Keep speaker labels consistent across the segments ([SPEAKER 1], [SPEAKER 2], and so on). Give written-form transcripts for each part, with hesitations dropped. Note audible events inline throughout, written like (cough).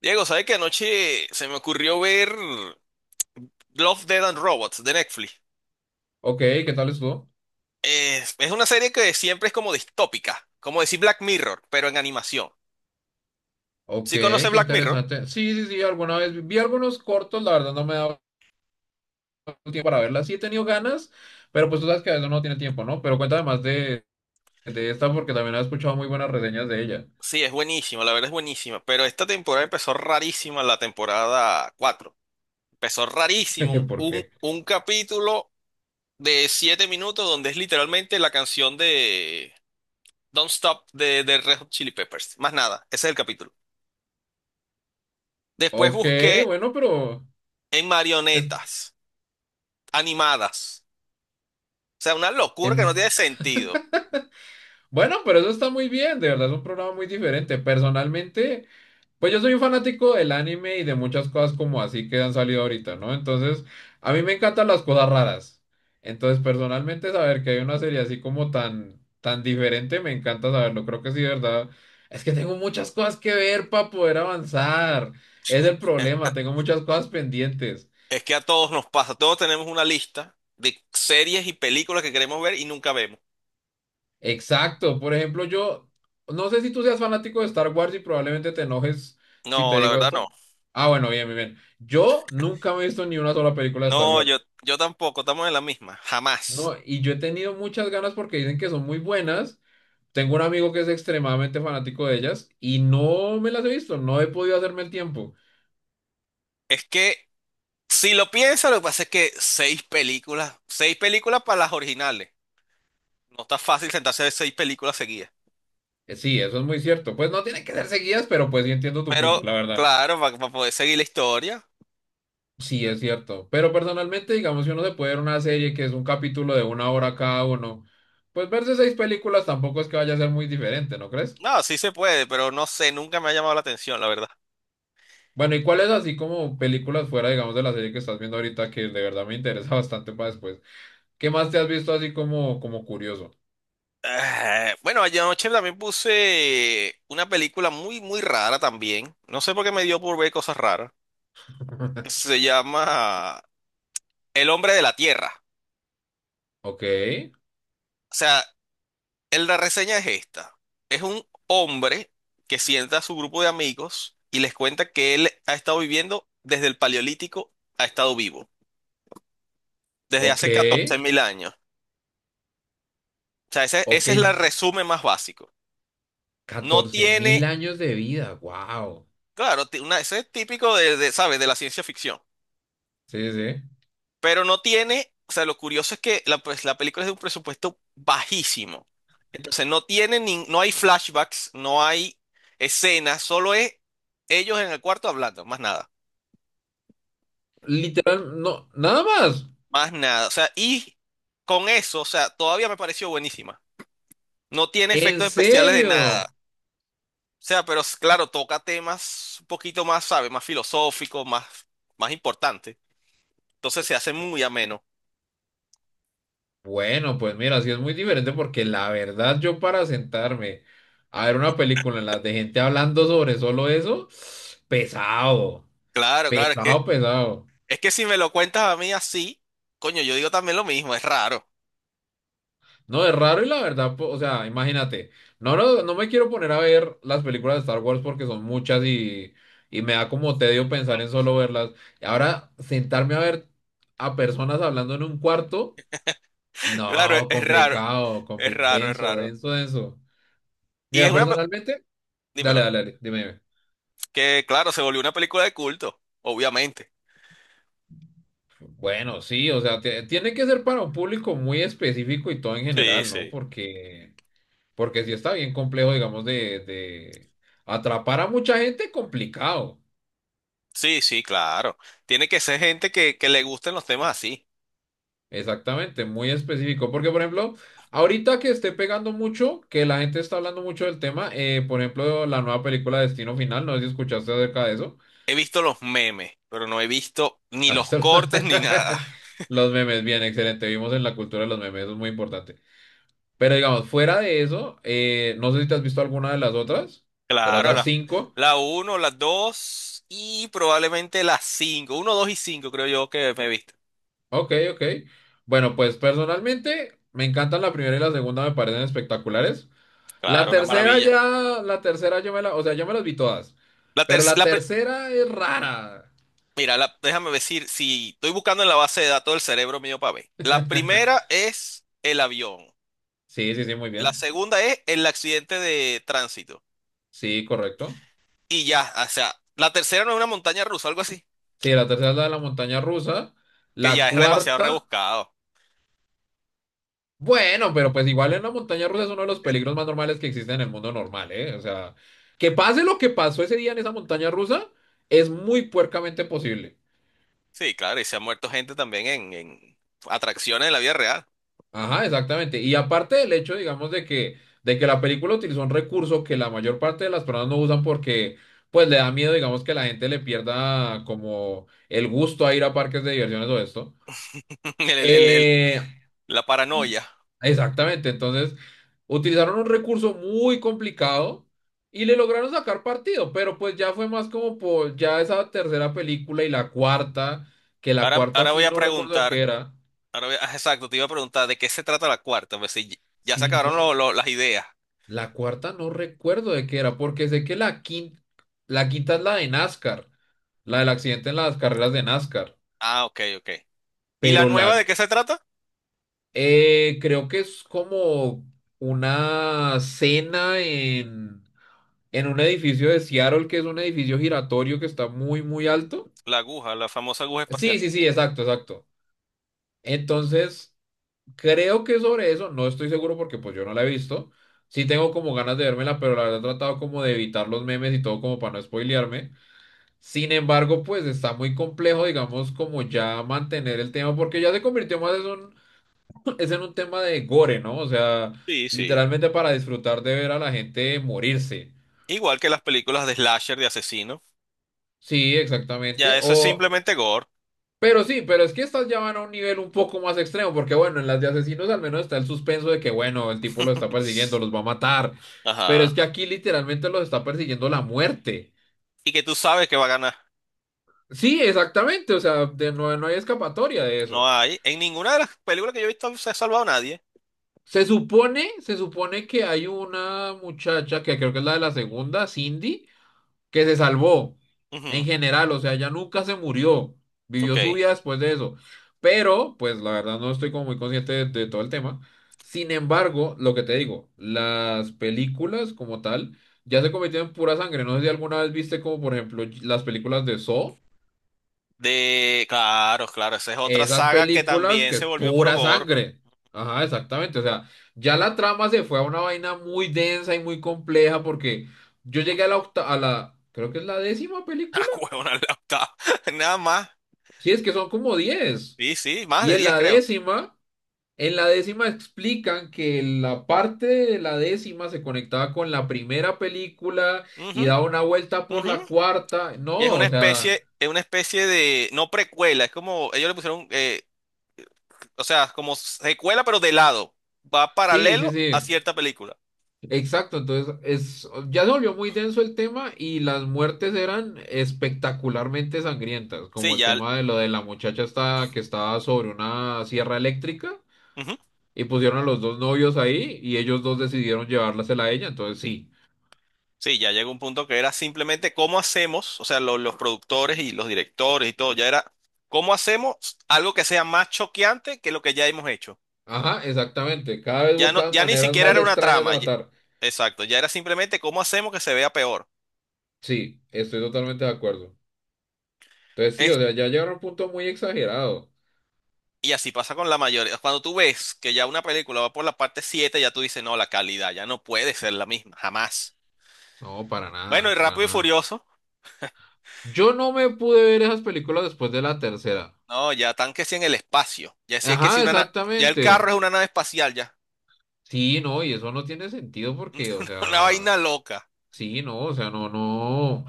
[SPEAKER 1] Diego, ¿sabes que anoche se me ocurrió ver Love, Dead and Robots de Netflix?
[SPEAKER 2] Ok, ¿qué tal estuvo?
[SPEAKER 1] Es una serie que siempre es como distópica, como decir Black Mirror, pero en animación.
[SPEAKER 2] Ok,
[SPEAKER 1] ¿Sí conoces
[SPEAKER 2] qué
[SPEAKER 1] Black Mirror?
[SPEAKER 2] interesante. Sí, sí, sí, alguna vez vi algunos cortos, la verdad no me he dado el tiempo para verlas. Sí he tenido ganas, pero pues tú sabes que a veces uno no tiene tiempo, ¿no? Pero cuéntame más de esta porque también he escuchado muy buenas reseñas de ella.
[SPEAKER 1] Sí, es buenísima, la verdad es buenísima, pero esta temporada empezó rarísima, la temporada 4. Empezó rarísimo,
[SPEAKER 2] (laughs)
[SPEAKER 1] un,
[SPEAKER 2] ¿Por
[SPEAKER 1] un,
[SPEAKER 2] qué?
[SPEAKER 1] un capítulo de 7 minutos donde es literalmente la canción de Don't Stop de Red Hot Chili Peppers. Más nada, ese es el capítulo. Después
[SPEAKER 2] Ok,
[SPEAKER 1] busqué
[SPEAKER 2] bueno,
[SPEAKER 1] en
[SPEAKER 2] es
[SPEAKER 1] marionetas animadas. O sea, una locura que no
[SPEAKER 2] en-
[SPEAKER 1] tiene sentido.
[SPEAKER 2] bueno, pero eso está muy bien, de verdad es un programa muy diferente. Personalmente, pues yo soy un fanático del anime y de muchas cosas como así que han salido ahorita, ¿no? Entonces, a mí me encantan las cosas raras. Entonces, personalmente, saber que hay una serie así como tan, tan diferente, me encanta saberlo. Creo que sí, de ¿verdad? Es que tengo muchas cosas que ver para poder avanzar. Es el problema, tengo muchas cosas pendientes.
[SPEAKER 1] Es que a todos nos pasa, todos tenemos una lista de series y películas que queremos ver y nunca vemos.
[SPEAKER 2] Exacto. Por ejemplo, yo no sé si tú seas fanático de Star Wars y probablemente te enojes si te
[SPEAKER 1] No, la
[SPEAKER 2] digo
[SPEAKER 1] verdad no.
[SPEAKER 2] esto. Ah, bueno, bien, bien, bien. Yo nunca me he visto ni una sola película de Star
[SPEAKER 1] No,
[SPEAKER 2] Wars.
[SPEAKER 1] yo tampoco, estamos en la misma, jamás.
[SPEAKER 2] No, y yo he tenido muchas ganas porque dicen que son muy buenas. Tengo un amigo que es extremadamente fanático de ellas y no me las he visto, no he podido hacerme el tiempo.
[SPEAKER 1] Es que si lo piensas, lo que pasa es que seis películas para las originales. No está fácil sentarse a ver seis películas seguidas.
[SPEAKER 2] Sí, eso es muy cierto. Pues no tienen que ser seguidas, pero pues sí entiendo tu
[SPEAKER 1] Pero
[SPEAKER 2] punto, la verdad.
[SPEAKER 1] claro, para poder seguir la historia.
[SPEAKER 2] Sí, es cierto. Pero personalmente, digamos, si uno se puede ver una serie que es un capítulo de una hora cada uno, pues verse seis películas tampoco es que vaya a ser muy diferente, ¿no crees?
[SPEAKER 1] No, sí se puede, pero no sé, nunca me ha llamado la atención, la verdad.
[SPEAKER 2] Bueno, ¿y cuáles así como películas fuera, digamos, de la serie que estás viendo ahorita que de verdad me interesa (laughs) bastante para después? ¿Qué más te has visto así como, como curioso?
[SPEAKER 1] Ah, bueno, anoche también puse una película muy, muy rara también. No sé por qué me dio por ver cosas raras.
[SPEAKER 2] (laughs)
[SPEAKER 1] Se llama El hombre de la Tierra.
[SPEAKER 2] Ok,
[SPEAKER 1] O sea, la reseña es esta. Es un hombre que sienta a su grupo de amigos y les cuenta que él ha estado viviendo desde el Paleolítico, ha estado vivo, desde
[SPEAKER 2] ok,
[SPEAKER 1] hace 14.000 años. O sea, ese,
[SPEAKER 2] ok.
[SPEAKER 1] ese es el resumen más básico. No
[SPEAKER 2] 14.000
[SPEAKER 1] tiene,
[SPEAKER 2] años de vida, wow.
[SPEAKER 1] claro, ese es típico de, ¿sabes? De la ciencia ficción.
[SPEAKER 2] Sí, sí.
[SPEAKER 1] Pero no tiene, o sea, lo curioso es que la, pues, la película es de un presupuesto bajísimo. Entonces no tiene ni, no hay flashbacks, no hay escenas, solo es ellos en el cuarto hablando, más nada,
[SPEAKER 2] Literal, no, nada más.
[SPEAKER 1] más nada. O sea, y con eso, o sea, todavía me pareció buenísima. No tiene
[SPEAKER 2] ¿En
[SPEAKER 1] efectos especiales de nada.
[SPEAKER 2] serio?
[SPEAKER 1] O sea, pero claro, toca temas un poquito más, ¿sabes? Más filosóficos, más, más importantes. Entonces se hace muy ameno.
[SPEAKER 2] Bueno, pues mira, sí es muy diferente porque la verdad yo para sentarme a ver una película en la de gente hablando sobre solo eso, pesado,
[SPEAKER 1] Claro, claro,
[SPEAKER 2] pesado, pesado.
[SPEAKER 1] es que si me lo cuentas a mí así, coño, yo digo también lo mismo, es raro.
[SPEAKER 2] No, es raro y la verdad, o sea, imagínate, no, no, no me quiero poner a ver las películas de Star Wars porque son muchas y me da como tedio pensar en solo verlas. Y ahora sentarme a ver a personas hablando en un cuarto,
[SPEAKER 1] (laughs) Claro,
[SPEAKER 2] no,
[SPEAKER 1] es raro,
[SPEAKER 2] complicado,
[SPEAKER 1] es raro, es
[SPEAKER 2] denso,
[SPEAKER 1] raro.
[SPEAKER 2] denso, denso.
[SPEAKER 1] Y es
[SPEAKER 2] Mira,
[SPEAKER 1] una,
[SPEAKER 2] personalmente, dale,
[SPEAKER 1] dímelo,
[SPEAKER 2] dale, dale, dime, dime.
[SPEAKER 1] que claro, se volvió una película de culto, obviamente.
[SPEAKER 2] Bueno, sí, o sea, tiene que ser para un público muy específico y todo en
[SPEAKER 1] Sí,
[SPEAKER 2] general, ¿no?
[SPEAKER 1] sí.
[SPEAKER 2] Porque... Porque sí está bien complejo, digamos, de atrapar a mucha gente, complicado.
[SPEAKER 1] Sí, sí, claro. Tiene que ser gente que le gusten los temas así.
[SPEAKER 2] Exactamente, muy específico. Porque, por ejemplo, ahorita que esté pegando mucho, que la gente está hablando mucho del tema, por ejemplo, la nueva película Destino Final, no sé si escuchaste acerca de eso.
[SPEAKER 1] He visto los memes, pero no he visto
[SPEAKER 2] (laughs)
[SPEAKER 1] ni
[SPEAKER 2] ¿Has
[SPEAKER 1] los
[SPEAKER 2] visto los
[SPEAKER 1] cortes ni nada.
[SPEAKER 2] (laughs) los memes? Bien, excelente. Vimos en la cultura de los memes, eso es muy importante. Pero, digamos, fuera de eso, no sé si te has visto alguna de las
[SPEAKER 1] Claro,
[SPEAKER 2] otras cinco.
[SPEAKER 1] la uno, las 2 y probablemente las cinco. Uno, dos y 5, creo yo que me he visto.
[SPEAKER 2] Ok, ok. Bueno, pues personalmente me encantan la primera y la segunda, me parecen espectaculares. La
[SPEAKER 1] Claro, una
[SPEAKER 2] tercera
[SPEAKER 1] maravilla.
[SPEAKER 2] ya, la tercera yo me la, o sea, yo me las vi todas,
[SPEAKER 1] La, ter-
[SPEAKER 2] pero la
[SPEAKER 1] la,
[SPEAKER 2] tercera es rara.
[SPEAKER 1] Mira, déjame decir, si estoy buscando en la base de datos del cerebro mío para ver. La primera
[SPEAKER 2] (laughs)
[SPEAKER 1] es el avión.
[SPEAKER 2] Sí, sí, sí, muy
[SPEAKER 1] La
[SPEAKER 2] bien.
[SPEAKER 1] segunda es el accidente de tránsito.
[SPEAKER 2] Sí, correcto.
[SPEAKER 1] Y ya, o sea, la tercera no es una montaña rusa, algo así,
[SPEAKER 2] Sí, la tercera es la de la montaña rusa. La
[SPEAKER 1] que ya es demasiado
[SPEAKER 2] cuarta,
[SPEAKER 1] rebuscado.
[SPEAKER 2] bueno, pero pues igual en la montaña rusa es uno de los peligros más normales que existen en el mundo normal, ¿eh? O sea, que pase lo que pasó ese día en esa montaña rusa, es muy puercamente posible.
[SPEAKER 1] Sí, claro, y se ha muerto gente también en atracciones de la vida real.
[SPEAKER 2] Ajá, exactamente. Y aparte del hecho, digamos, de que la película utilizó un recurso que la mayor parte de las personas no usan porque, pues, le da miedo, digamos, que la gente le pierda como el gusto a ir a parques de diversiones o esto.
[SPEAKER 1] (laughs) El- el- el- el-
[SPEAKER 2] Eh,
[SPEAKER 1] la
[SPEAKER 2] y-
[SPEAKER 1] paranoia.
[SPEAKER 2] exactamente. Entonces, utilizaron un recurso muy complicado y le lograron sacar partido, pero pues ya fue más como por ya esa tercera película y la cuarta, que la
[SPEAKER 1] Ahora,
[SPEAKER 2] cuarta
[SPEAKER 1] ahora
[SPEAKER 2] sí
[SPEAKER 1] voy a
[SPEAKER 2] no recuerdo de
[SPEAKER 1] preguntar,
[SPEAKER 2] qué era.
[SPEAKER 1] ah, exacto, te iba a preguntar de qué se trata la cuarta, pues si ya se
[SPEAKER 2] Sí, no.
[SPEAKER 1] acabaron las ideas.
[SPEAKER 2] La cuarta no recuerdo de qué era, porque sé que la quinta es la de NASCAR, la del accidente en las carreras de NASCAR,
[SPEAKER 1] Ah, ok, ok. ¿Y la
[SPEAKER 2] pero
[SPEAKER 1] nueva
[SPEAKER 2] la
[SPEAKER 1] de qué se trata?
[SPEAKER 2] creo que es como una cena en un edificio de Seattle, que es un edificio giratorio que está muy, muy alto.
[SPEAKER 1] La aguja, la famosa aguja espacial.
[SPEAKER 2] Sí, sí, sí, exacto, exacto. Entonces, creo que sobre eso, no estoy seguro porque pues yo no la he visto. Sí tengo como ganas de vérmela, pero la verdad he tratado como de evitar los memes y todo como para no spoilearme. Sin embargo, pues está muy complejo, digamos, como ya mantener el tema, porque ya se convirtió más en un, (laughs) es en un tema de gore, ¿no? O sea,
[SPEAKER 1] Sí, sí.
[SPEAKER 2] literalmente para disfrutar de ver a la gente morirse.
[SPEAKER 1] Igual que las películas de slasher de asesino.
[SPEAKER 2] Sí,
[SPEAKER 1] Ya
[SPEAKER 2] exactamente.
[SPEAKER 1] eso es
[SPEAKER 2] O,
[SPEAKER 1] simplemente gore.
[SPEAKER 2] pero sí, pero es que estas ya van a un nivel un poco más extremo, porque bueno, en las de asesinos al menos está el suspenso de que, bueno, el tipo los está
[SPEAKER 1] (laughs)
[SPEAKER 2] persiguiendo, los va a matar. Pero es
[SPEAKER 1] Ajá.
[SPEAKER 2] que aquí literalmente los está persiguiendo la muerte.
[SPEAKER 1] Y que tú sabes que va a ganar.
[SPEAKER 2] Sí, exactamente. O sea, no no hay escapatoria de
[SPEAKER 1] No
[SPEAKER 2] eso.
[SPEAKER 1] hay. En ninguna de las películas que yo he visto se ha salvado nadie.
[SPEAKER 2] Se supone que hay una muchacha que creo que es la de la segunda, Cindy, que se salvó en
[SPEAKER 1] Ujú,
[SPEAKER 2] general, o sea, ella nunca se murió,
[SPEAKER 1] ok.
[SPEAKER 2] vivió su vida después de eso. Pero, pues la verdad no estoy como muy consciente de todo el tema. Sin embargo, lo que te digo, las películas como tal ya se convirtieron en pura sangre. No sé si alguna vez viste como por ejemplo las películas de Saw,
[SPEAKER 1] De. Claro, claro. Esa es otra
[SPEAKER 2] esas
[SPEAKER 1] saga que
[SPEAKER 2] películas
[SPEAKER 1] también
[SPEAKER 2] que
[SPEAKER 1] se
[SPEAKER 2] es
[SPEAKER 1] volvió puro
[SPEAKER 2] pura
[SPEAKER 1] gore. (laughs)
[SPEAKER 2] sangre. Ajá, exactamente. O sea, ya la trama se fue a una vaina muy densa y muy compleja porque yo llegué a la creo que es la décima película.
[SPEAKER 1] Ah, huevona, la octava. (laughs) Nada más.
[SPEAKER 2] Sí, es que son como 10.
[SPEAKER 1] Sí, sí, más
[SPEAKER 2] Y
[SPEAKER 1] de 10 creo.
[SPEAKER 2] en la décima explican que la parte de la décima se conectaba con la primera película
[SPEAKER 1] Ujú,
[SPEAKER 2] y daba una vuelta por
[SPEAKER 1] ujú.
[SPEAKER 2] la cuarta. No,
[SPEAKER 1] Y
[SPEAKER 2] o sea,
[SPEAKER 1] es una especie de. No precuela, es como. Ellos le pusieron. O sea, como secuela, pero de lado. Va
[SPEAKER 2] sí, sí,
[SPEAKER 1] paralelo a
[SPEAKER 2] sí.
[SPEAKER 1] cierta película.
[SPEAKER 2] Exacto, entonces es, ya se volvió muy denso el tema y las muertes eran espectacularmente sangrientas, como
[SPEAKER 1] Sí,
[SPEAKER 2] el
[SPEAKER 1] ya.
[SPEAKER 2] tema de lo de la muchacha esta que estaba sobre una sierra eléctrica
[SPEAKER 1] Ujú.
[SPEAKER 2] y pusieron a los dos novios ahí y ellos dos decidieron llevársela a ella, entonces sí.
[SPEAKER 1] Sí, ya llegó un punto que era simplemente cómo hacemos, o sea, los productores y los directores y todo, ya era cómo hacemos algo que sea más choqueante que lo que ya hemos hecho.
[SPEAKER 2] Ajá, exactamente, cada vez
[SPEAKER 1] Ya no,
[SPEAKER 2] buscaban
[SPEAKER 1] ya ni
[SPEAKER 2] maneras
[SPEAKER 1] siquiera
[SPEAKER 2] más
[SPEAKER 1] era una
[SPEAKER 2] extrañas de
[SPEAKER 1] trama.
[SPEAKER 2] matar.
[SPEAKER 1] Exacto, ya era simplemente cómo hacemos que se vea peor.
[SPEAKER 2] Sí, estoy totalmente de acuerdo. Entonces sí,
[SPEAKER 1] Es-
[SPEAKER 2] o sea, ya llegaron a un punto muy exagerado.
[SPEAKER 1] y así pasa con la mayoría. Cuando tú ves que ya una película va por la parte 7, ya tú dices, no, la calidad ya no puede ser la misma, jamás.
[SPEAKER 2] No, para
[SPEAKER 1] Bueno,
[SPEAKER 2] nada,
[SPEAKER 1] y
[SPEAKER 2] para
[SPEAKER 1] Rápido y
[SPEAKER 2] nada.
[SPEAKER 1] Furioso.
[SPEAKER 2] Yo no me pude ver esas películas después de la tercera.
[SPEAKER 1] No, ya están que si en el espacio. Ya si es que si
[SPEAKER 2] Ajá,
[SPEAKER 1] ya el carro
[SPEAKER 2] exactamente.
[SPEAKER 1] es una nave espacial, ya.
[SPEAKER 2] Sí, no, y eso no tiene sentido porque, o
[SPEAKER 1] (laughs) Una
[SPEAKER 2] sea,
[SPEAKER 1] vaina loca.
[SPEAKER 2] sí, no, o sea, no, no.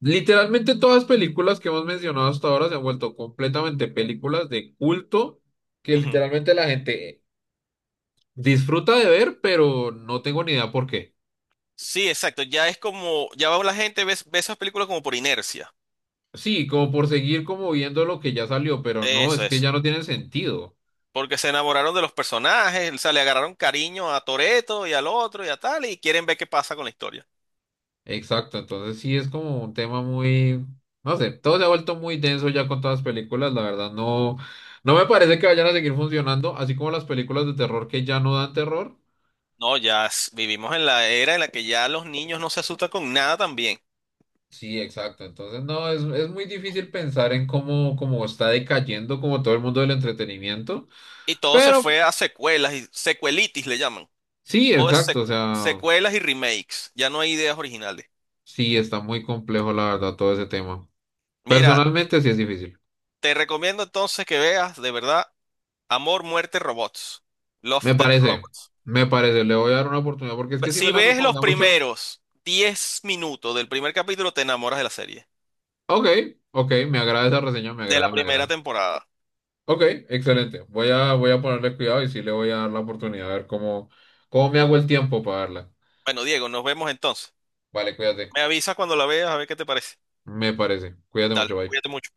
[SPEAKER 2] Literalmente todas las películas que hemos mencionado hasta ahora se han vuelto completamente películas de culto que
[SPEAKER 1] Ujú.
[SPEAKER 2] literalmente la gente disfruta de ver, pero no tengo ni idea por qué.
[SPEAKER 1] Sí, exacto. Ya es como, ya va la gente ve, ve esas películas como por inercia.
[SPEAKER 2] Sí, como por seguir como viendo lo que ya salió, pero no,
[SPEAKER 1] Eso,
[SPEAKER 2] es que
[SPEAKER 1] eso.
[SPEAKER 2] ya no tiene sentido.
[SPEAKER 1] Porque se enamoraron de los personajes, o sea, le agarraron cariño a Toreto y al otro y a tal, y quieren ver qué pasa con la historia.
[SPEAKER 2] Exacto, entonces sí es como un tema muy, no sé, todo se ha vuelto muy denso ya con todas las películas, la verdad no, no me parece que vayan a seguir funcionando, así como las películas de terror que ya no dan terror.
[SPEAKER 1] No, vivimos en la era en la que ya los niños no se asustan con nada también.
[SPEAKER 2] Sí, exacto, entonces no, es muy difícil pensar en cómo, cómo está decayendo como todo el mundo del entretenimiento,
[SPEAKER 1] Y todo se
[SPEAKER 2] pero
[SPEAKER 1] fue a secuelas y secuelitis le llaman.
[SPEAKER 2] sí,
[SPEAKER 1] Todo es
[SPEAKER 2] exacto, o sea,
[SPEAKER 1] secuelas y remakes. Ya no hay ideas originales.
[SPEAKER 2] sí está muy complejo la verdad todo ese tema.
[SPEAKER 1] Mira,
[SPEAKER 2] Personalmente sí es difícil,
[SPEAKER 1] te recomiendo entonces que veas de verdad Amor, Muerte, Robots. Love,
[SPEAKER 2] me
[SPEAKER 1] Death
[SPEAKER 2] parece,
[SPEAKER 1] Robots.
[SPEAKER 2] me parece, le voy a dar una oportunidad porque es que sí me
[SPEAKER 1] Si
[SPEAKER 2] la
[SPEAKER 1] ves los
[SPEAKER 2] recomienda mucho.
[SPEAKER 1] primeros 10 minutos del primer capítulo, te enamoras de la serie,
[SPEAKER 2] Ok, ok, me agrada esa reseña, me
[SPEAKER 1] de la
[SPEAKER 2] agrada, me
[SPEAKER 1] primera
[SPEAKER 2] agrada.
[SPEAKER 1] temporada.
[SPEAKER 2] Ok, excelente. Voy a ponerle cuidado y sí le voy a dar la oportunidad a ver cómo me hago el tiempo para darla.
[SPEAKER 1] Bueno, Diego, nos vemos entonces.
[SPEAKER 2] Vale, cuídate.
[SPEAKER 1] Me avisas cuando la veas a ver qué te parece.
[SPEAKER 2] Me parece. Cuídate
[SPEAKER 1] Dale,
[SPEAKER 2] mucho, bye.
[SPEAKER 1] cuídate mucho.